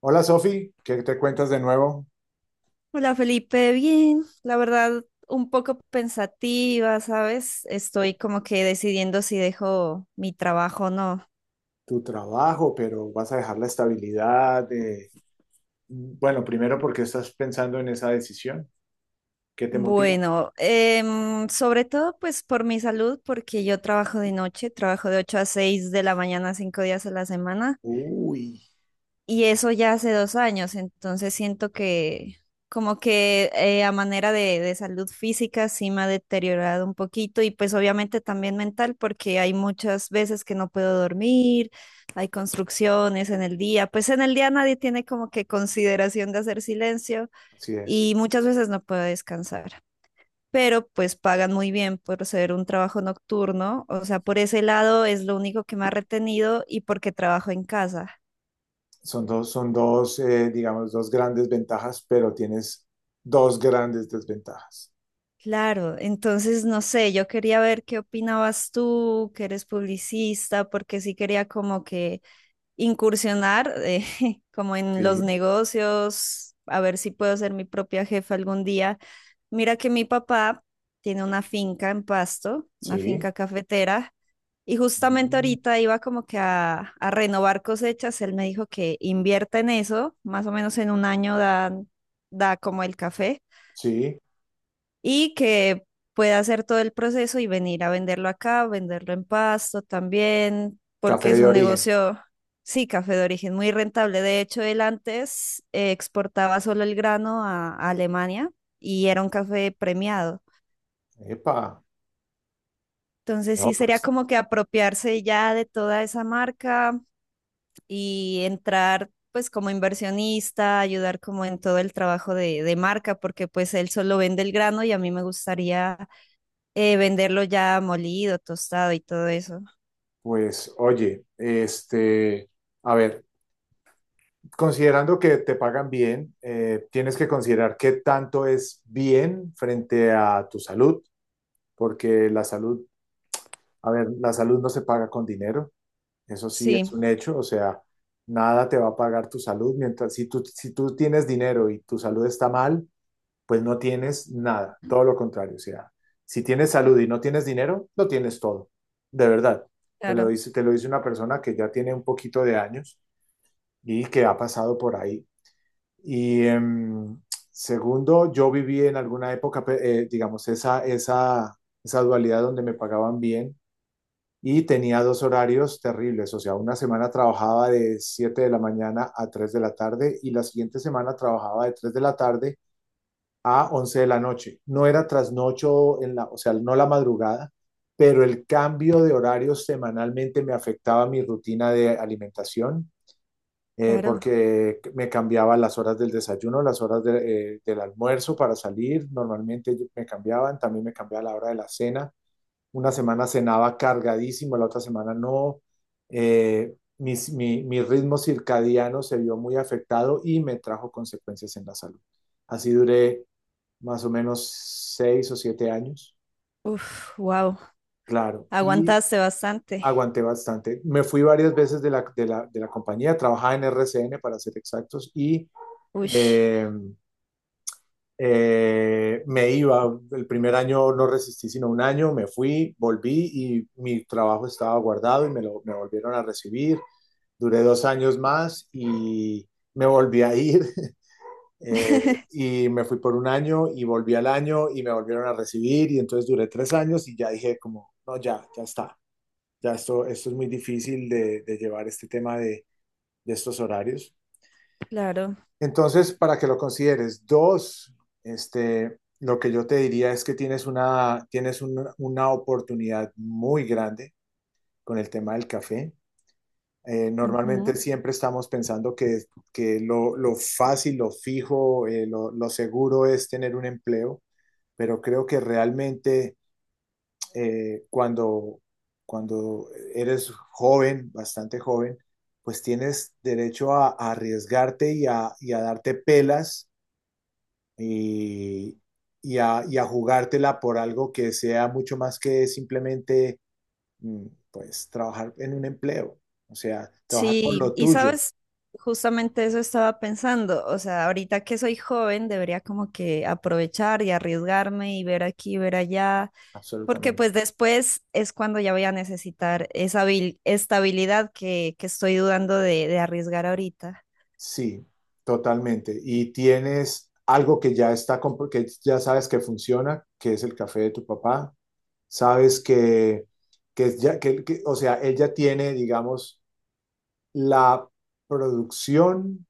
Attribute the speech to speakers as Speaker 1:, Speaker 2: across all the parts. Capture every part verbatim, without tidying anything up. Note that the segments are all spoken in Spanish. Speaker 1: Hola Sofi, ¿qué te cuentas de nuevo?
Speaker 2: Hola Felipe, bien, la verdad un poco pensativa, ¿sabes? Estoy como que decidiendo si dejo mi trabajo o no.
Speaker 1: Tu trabajo, pero vas a dejar la estabilidad. eh, Bueno, primero, ¿porque estás pensando en esa decisión? ¿Qué te motiva?
Speaker 2: Bueno, em, sobre todo pues por mi salud, porque yo trabajo de noche, trabajo de ocho a seis de la mañana, cinco días a la semana.
Speaker 1: Uy,
Speaker 2: Y eso ya hace dos años, entonces siento que como que eh, a manera de, de salud física sí me ha deteriorado un poquito y pues obviamente también mental porque hay muchas veces que no puedo dormir, hay construcciones en el día, pues en el día nadie tiene como que consideración de hacer silencio
Speaker 1: así es.
Speaker 2: y muchas veces no puedo descansar, pero pues pagan muy bien por ser un trabajo nocturno, o sea, por ese lado es lo único que me ha retenido y porque trabajo en casa.
Speaker 1: Son dos, son dos, eh, digamos, dos grandes ventajas, pero tienes dos grandes desventajas.
Speaker 2: Claro, entonces no sé, yo quería ver qué opinabas tú, que eres publicista, porque sí quería como que incursionar eh, como en los
Speaker 1: Sí,
Speaker 2: negocios, a ver si puedo ser mi propia jefa algún día. Mira que mi papá tiene una finca en Pasto, una
Speaker 1: sí.
Speaker 2: finca cafetera, y justamente
Speaker 1: Mm,
Speaker 2: ahorita iba como que a, a renovar cosechas, él me dijo que invierta en eso, más o menos en un año dan, da como el café
Speaker 1: sí.
Speaker 2: y que pueda hacer todo el proceso y venir a venderlo acá, venderlo en Pasto también, porque
Speaker 1: Café
Speaker 2: es
Speaker 1: de
Speaker 2: un
Speaker 1: origen.
Speaker 2: negocio, sí, café de origen muy rentable. De hecho, él antes eh, exportaba solo el grano a, a Alemania y era un café premiado.
Speaker 1: Epa,
Speaker 2: Entonces
Speaker 1: no,
Speaker 2: sí sería
Speaker 1: pues,
Speaker 2: como que apropiarse ya de toda esa marca y entrar pues como inversionista, ayudar como en todo el trabajo de, de marca, porque pues él solo vende el grano y a mí me gustaría eh, venderlo ya molido, tostado y todo eso.
Speaker 1: pues, oye, este, a ver. Considerando que te pagan bien, eh, tienes que considerar qué tanto es bien frente a tu salud, porque la salud, a ver, la salud no se paga con dinero, eso sí
Speaker 2: Sí,
Speaker 1: es un hecho, o sea, nada te va a pagar tu salud, mientras si tú, si tú tienes dinero y tu salud está mal, pues no tienes nada, todo lo contrario, o sea, si tienes salud y no tienes dinero, lo tienes todo, de verdad. Te lo
Speaker 2: claro,
Speaker 1: dice, te lo dice una persona que ya tiene un poquito de años y que ha pasado por ahí y eh, segundo, yo viví en alguna época, eh, digamos, esa, esa, esa dualidad donde me pagaban bien y tenía dos horarios terribles. O sea, una semana trabajaba de siete de la mañana a tres de la tarde y la siguiente semana trabajaba de tres de la tarde a once de la noche. No era trasnocho, en la, o sea, no la madrugada, pero el cambio de horarios semanalmente me afectaba mi rutina de alimentación eh,
Speaker 2: claro.
Speaker 1: porque me cambiaba las horas del desayuno, las horas de- eh, del almuerzo para salir. Normalmente yo- me cambiaban, también me cambiaba la hora de la cena. Una semana cenaba cargadísimo, la otra semana no. Eh, mis- mi, mi ritmo circadiano se vio muy afectado y me trajo consecuencias en la salud. Así duré más o menos seis o siete años.
Speaker 2: Uf, wow.
Speaker 1: Claro. Y
Speaker 2: Aguantaste bastante.
Speaker 1: aguanté bastante. Me fui varias veces de la, de la, de la compañía, trabajaba en R C N para ser exactos y
Speaker 2: Uy,
Speaker 1: eh, eh, me iba. El primer año no resistí sino un año, me fui, volví y mi trabajo estaba guardado y me, lo, me volvieron a recibir. Duré dos años más y me volví a ir. eh, y me fui por un año y volví al año y me volvieron a recibir y entonces duré tres años y ya dije como, no, ya, ya está, ya esto, esto es muy difícil de, de llevar este tema de, de estos horarios.
Speaker 2: claro.
Speaker 1: Entonces, para que lo consideres, dos, este, lo que yo te diría es que tienes una, tienes un- una oportunidad muy grande con el tema del café. Eh, normalmente
Speaker 2: Ujú.
Speaker 1: siempre estamos pensando que, que lo, lo fácil, lo fijo, eh, lo, lo seguro es tener un empleo, pero creo que realmente eh, cuando, cuando eres joven, bastante joven, pues tienes derecho a, a arriesgarte y a, y a darte pelas y, y, a, y a jugártela por algo que sea mucho más que simplemente, mm, pues, trabajar en un empleo, o sea, trabajar por
Speaker 2: Sí,
Speaker 1: lo
Speaker 2: y
Speaker 1: tuyo,
Speaker 2: sabes, justamente eso estaba pensando. O sea, ahorita que soy joven, debería como que aprovechar y arriesgarme y ver aquí, ver allá, porque
Speaker 1: absolutamente.
Speaker 2: pues después es cuando ya voy a necesitar esa habil- estabilidad que, que estoy dudando de, de arriesgar ahorita.
Speaker 1: Sí, totalmente. Y tienes algo que ya está, comp- que ya sabes que funciona, que es el café de tu papá. Sabes que, que, ya, que, que- o sea, él ya tiene, digamos, la producción,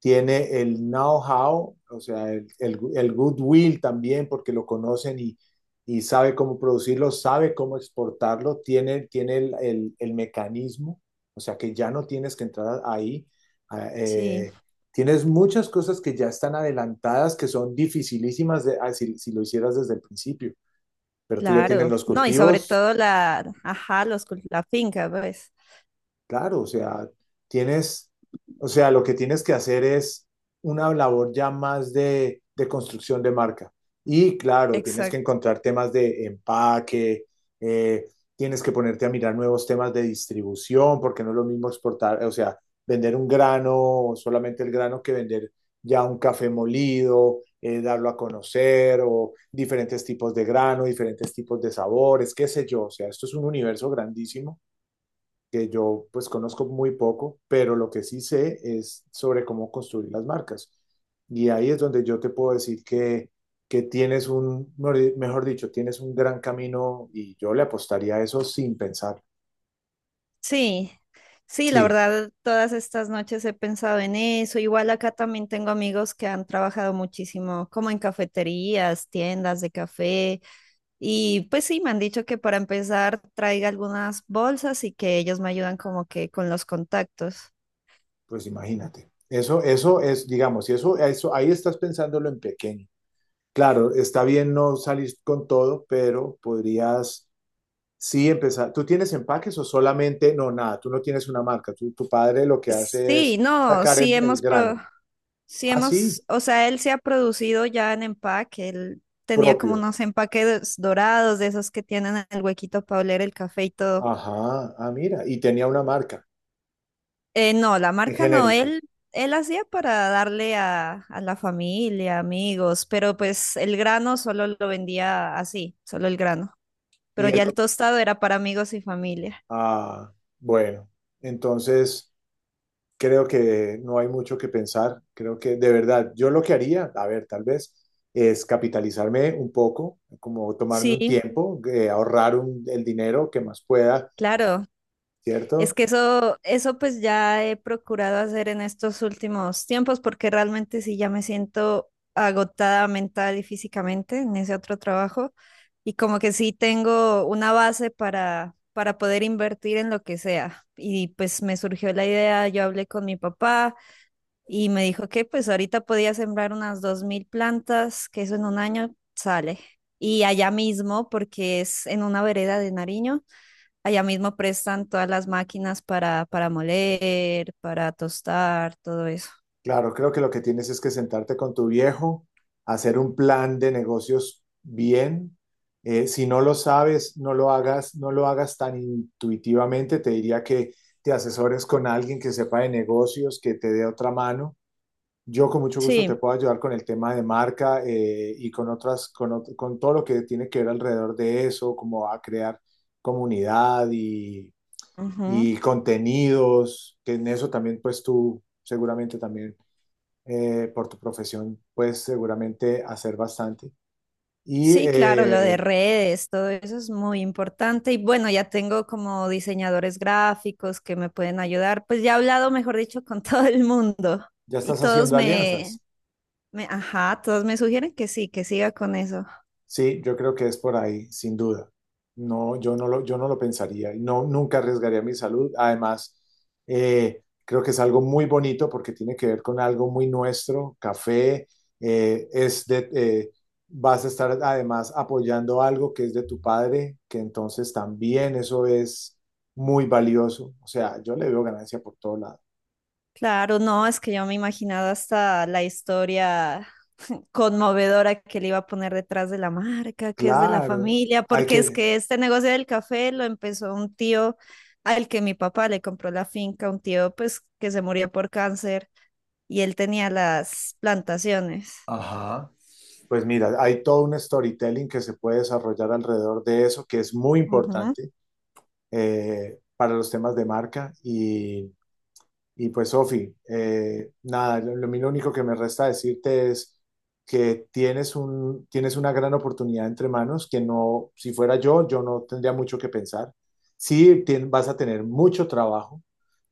Speaker 1: tiene el know-how, o sea, el, el- el goodwill también, porque lo conocen y, y sabe cómo producirlo, sabe cómo exportarlo, tiene, tiene el, el- el mecanismo, o sea, que ya no tienes que entrar ahí. a-
Speaker 2: Sí.
Speaker 1: eh, Tienes muchas cosas que ya están adelantadas, que son dificilísimas de, ah, si, si lo hicieras desde el principio, pero tú ya tienes
Speaker 2: Claro,
Speaker 1: los
Speaker 2: no, y sobre
Speaker 1: cultivos.
Speaker 2: todo la, ajá, los, cul- la finca, pues.
Speaker 1: Claro, o sea, tienes, o sea, lo que tienes que hacer es una labor ya más de, de construcción de marca. Y claro, tienes que
Speaker 2: Exacto.
Speaker 1: encontrar temas de empaque, eh, tienes que ponerte a mirar nuevos temas de distribución, porque no es lo mismo exportar, o sea, vender un grano, solamente el grano, que vender ya un café molido, eh, darlo a conocer, o diferentes tipos de grano, diferentes tipos de sabores, qué sé yo. O sea, esto es un universo grandísimo que yo pues conozco muy poco, pero lo que sí sé es sobre cómo construir las marcas. Y ahí es donde yo te puedo decir que, que tienes un, mejor dicho, tienes un gran camino y yo le apostaría a eso sin pensar.
Speaker 2: Sí, sí, la
Speaker 1: Sí,
Speaker 2: verdad, todas estas noches he pensado en eso. Igual acá también tengo amigos que han trabajado muchísimo, como en cafeterías, tiendas de café, y pues sí, me han dicho que para empezar traiga algunas bolsas y que ellos me ayudan como que con los contactos.
Speaker 1: pues imagínate. Eso, eso es, digamos, y eso, eso, ahí estás pensándolo en pequeño. Claro, está bien no salir con todo, pero podrías, sí, empezar. ¿Tú tienes empaques o solamente? No, nada, tú no tienes una marca. Tú- tu padre lo que hace es
Speaker 2: Sí, no,
Speaker 1: sacar el,
Speaker 2: sí
Speaker 1: el
Speaker 2: hemos,
Speaker 1: grano.
Speaker 2: pro- sí
Speaker 1: Ah, sí,
Speaker 2: hemos, o sea, él se ha producido ya en empaque, él tenía como
Speaker 1: propio.
Speaker 2: unos empaques dorados de esos que tienen el huequito para oler el café y todo.
Speaker 1: Ajá, ah, mira. Y tenía una marca
Speaker 2: Eh, no, la
Speaker 1: en
Speaker 2: marca no,
Speaker 1: genérico.
Speaker 2: él, él hacía para darle a, a la familia, amigos, pero pues el grano solo lo vendía así, solo el grano,
Speaker 1: Y
Speaker 2: pero
Speaker 1: él
Speaker 2: ya el
Speaker 1: lo-
Speaker 2: tostado era para amigos y familia.
Speaker 1: Ah, bueno. Entonces, creo que no hay mucho que pensar. Creo que de verdad, yo lo que haría, a ver, tal vez, es capitalizarme un poco, como tomarme un
Speaker 2: Sí,
Speaker 1: tiempo, eh, ahorrar un- el dinero que más pueda,
Speaker 2: claro. Es
Speaker 1: ¿cierto?
Speaker 2: que eso, eso pues ya he procurado hacer en estos últimos tiempos porque realmente sí ya me siento agotada mental y físicamente en ese otro trabajo y como que sí tengo una base para, para poder invertir en lo que sea. Y pues me surgió la idea, yo hablé con mi papá y me dijo que pues ahorita podía sembrar unas dos mil plantas, que eso en un año sale. Y allá mismo, porque es en una vereda de Nariño. Allá mismo prestan todas las máquinas para, para moler, para tostar, todo eso.
Speaker 1: Claro, creo que lo que tienes es que sentarte con tu viejo, hacer un plan de negocios bien. Eh, si no lo sabes, no lo hagas, no lo hagas tan intuitivamente. Te diría que te asesores con alguien que sepa de negocios, que te dé otra mano. Yo con mucho gusto te
Speaker 2: Sí,
Speaker 1: puedo ayudar con el tema de marca eh, y con otras, con, ot- con todo lo que tiene que ver alrededor de eso, como a crear comunidad y,
Speaker 2: ujú.
Speaker 1: y contenidos, que en eso también pues tú seguramente también eh, por tu profesión puedes seguramente hacer bastante. Y
Speaker 2: Sí, claro, lo de
Speaker 1: eh,
Speaker 2: redes, todo eso es muy importante. Y bueno, ya tengo como diseñadores gráficos que me pueden ayudar. Pues ya he hablado, mejor dicho, con todo el mundo.
Speaker 1: ya
Speaker 2: Y
Speaker 1: estás
Speaker 2: todos
Speaker 1: haciendo
Speaker 2: me,
Speaker 1: alianzas.
Speaker 2: me, ajá, todos me sugieren que sí, que siga con eso.
Speaker 1: Sí, yo creo que es por ahí, sin duda. No, yo no lo, yo no lo pensaría. Y no, nunca arriesgaría mi salud. Además, eh, creo que es algo muy bonito porque tiene que ver con algo muy nuestro. Café, eh, es de, eh, vas a estar además apoyando algo que es de tu padre, que entonces también eso es muy valioso. O sea, yo le veo ganancia por todo lado.
Speaker 2: Claro, no, es que yo me imaginaba hasta la historia conmovedora que le iba a poner detrás de la marca, que es de la
Speaker 1: Claro,
Speaker 2: familia,
Speaker 1: hay
Speaker 2: porque es
Speaker 1: que,
Speaker 2: que este negocio del café lo empezó un tío al que mi papá le compró la finca, un tío pues que se murió por cáncer y él tenía las plantaciones.
Speaker 1: ajá. Pues mira, hay todo un storytelling que se puede desarrollar alrededor de eso, que es muy
Speaker 2: Ujú,
Speaker 1: importante eh, para los temas de marca. Y pues, Sofi, eh, nada, lo, lo- lo único que me resta decirte es que tienes un, tienes una gran oportunidad entre manos, que no, si fuera yo, yo no tendría mucho que pensar. Sí, tien- vas a tener mucho trabajo,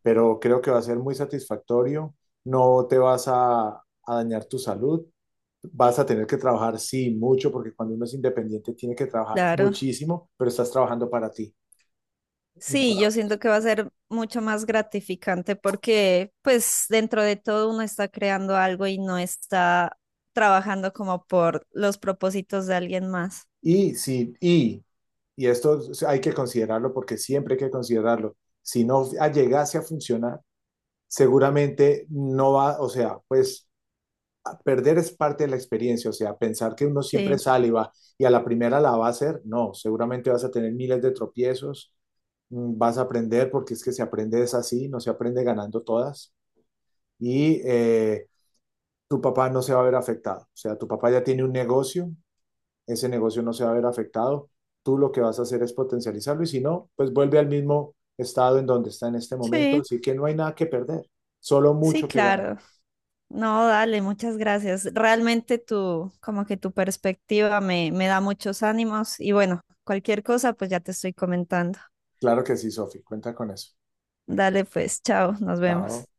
Speaker 1: pero creo que va a ser muy satisfactorio. No te vas a, A dañar tu salud. Vas a tener que trabajar, sí, mucho, porque cuando uno es independiente tiene que trabajar
Speaker 2: claro.
Speaker 1: muchísimo, pero estás trabajando para ti, no
Speaker 2: Sí,
Speaker 1: para
Speaker 2: yo
Speaker 1: otros.
Speaker 2: siento que va a ser mucho más gratificante porque pues dentro de todo uno está creando algo y no está trabajando como por los propósitos de alguien más.
Speaker 1: Y si, y y esto hay que considerarlo porque siempre hay que considerarlo, si no llegase a funcionar, seguramente no va, o sea, pues perder es parte de la experiencia, o sea, pensar que uno siempre
Speaker 2: Sí,
Speaker 1: sale y va y a la primera la va a hacer, no, seguramente vas a tener miles de tropiezos, mm, vas a aprender porque es que se aprende es así, no se aprende ganando todas y eh, tu papá no se va a ver afectado, o sea, tu papá ya tiene un negocio, ese negocio no se va a ver afectado. Tú lo que vas a hacer es potencializarlo y si no, pues vuelve al mismo estado en donde está en este momento.
Speaker 2: sí,
Speaker 1: Así que no hay nada que perder, solo
Speaker 2: sí,
Speaker 1: mucho que ganar.
Speaker 2: claro. No, dale, muchas gracias. Realmente tu, como que tu perspectiva me, me da muchos ánimos y bueno, cualquier cosa pues ya te estoy comentando.
Speaker 1: Claro que sí, Sofi, cuenta con eso.
Speaker 2: Dale pues, chao, nos
Speaker 1: Chao.
Speaker 2: vemos.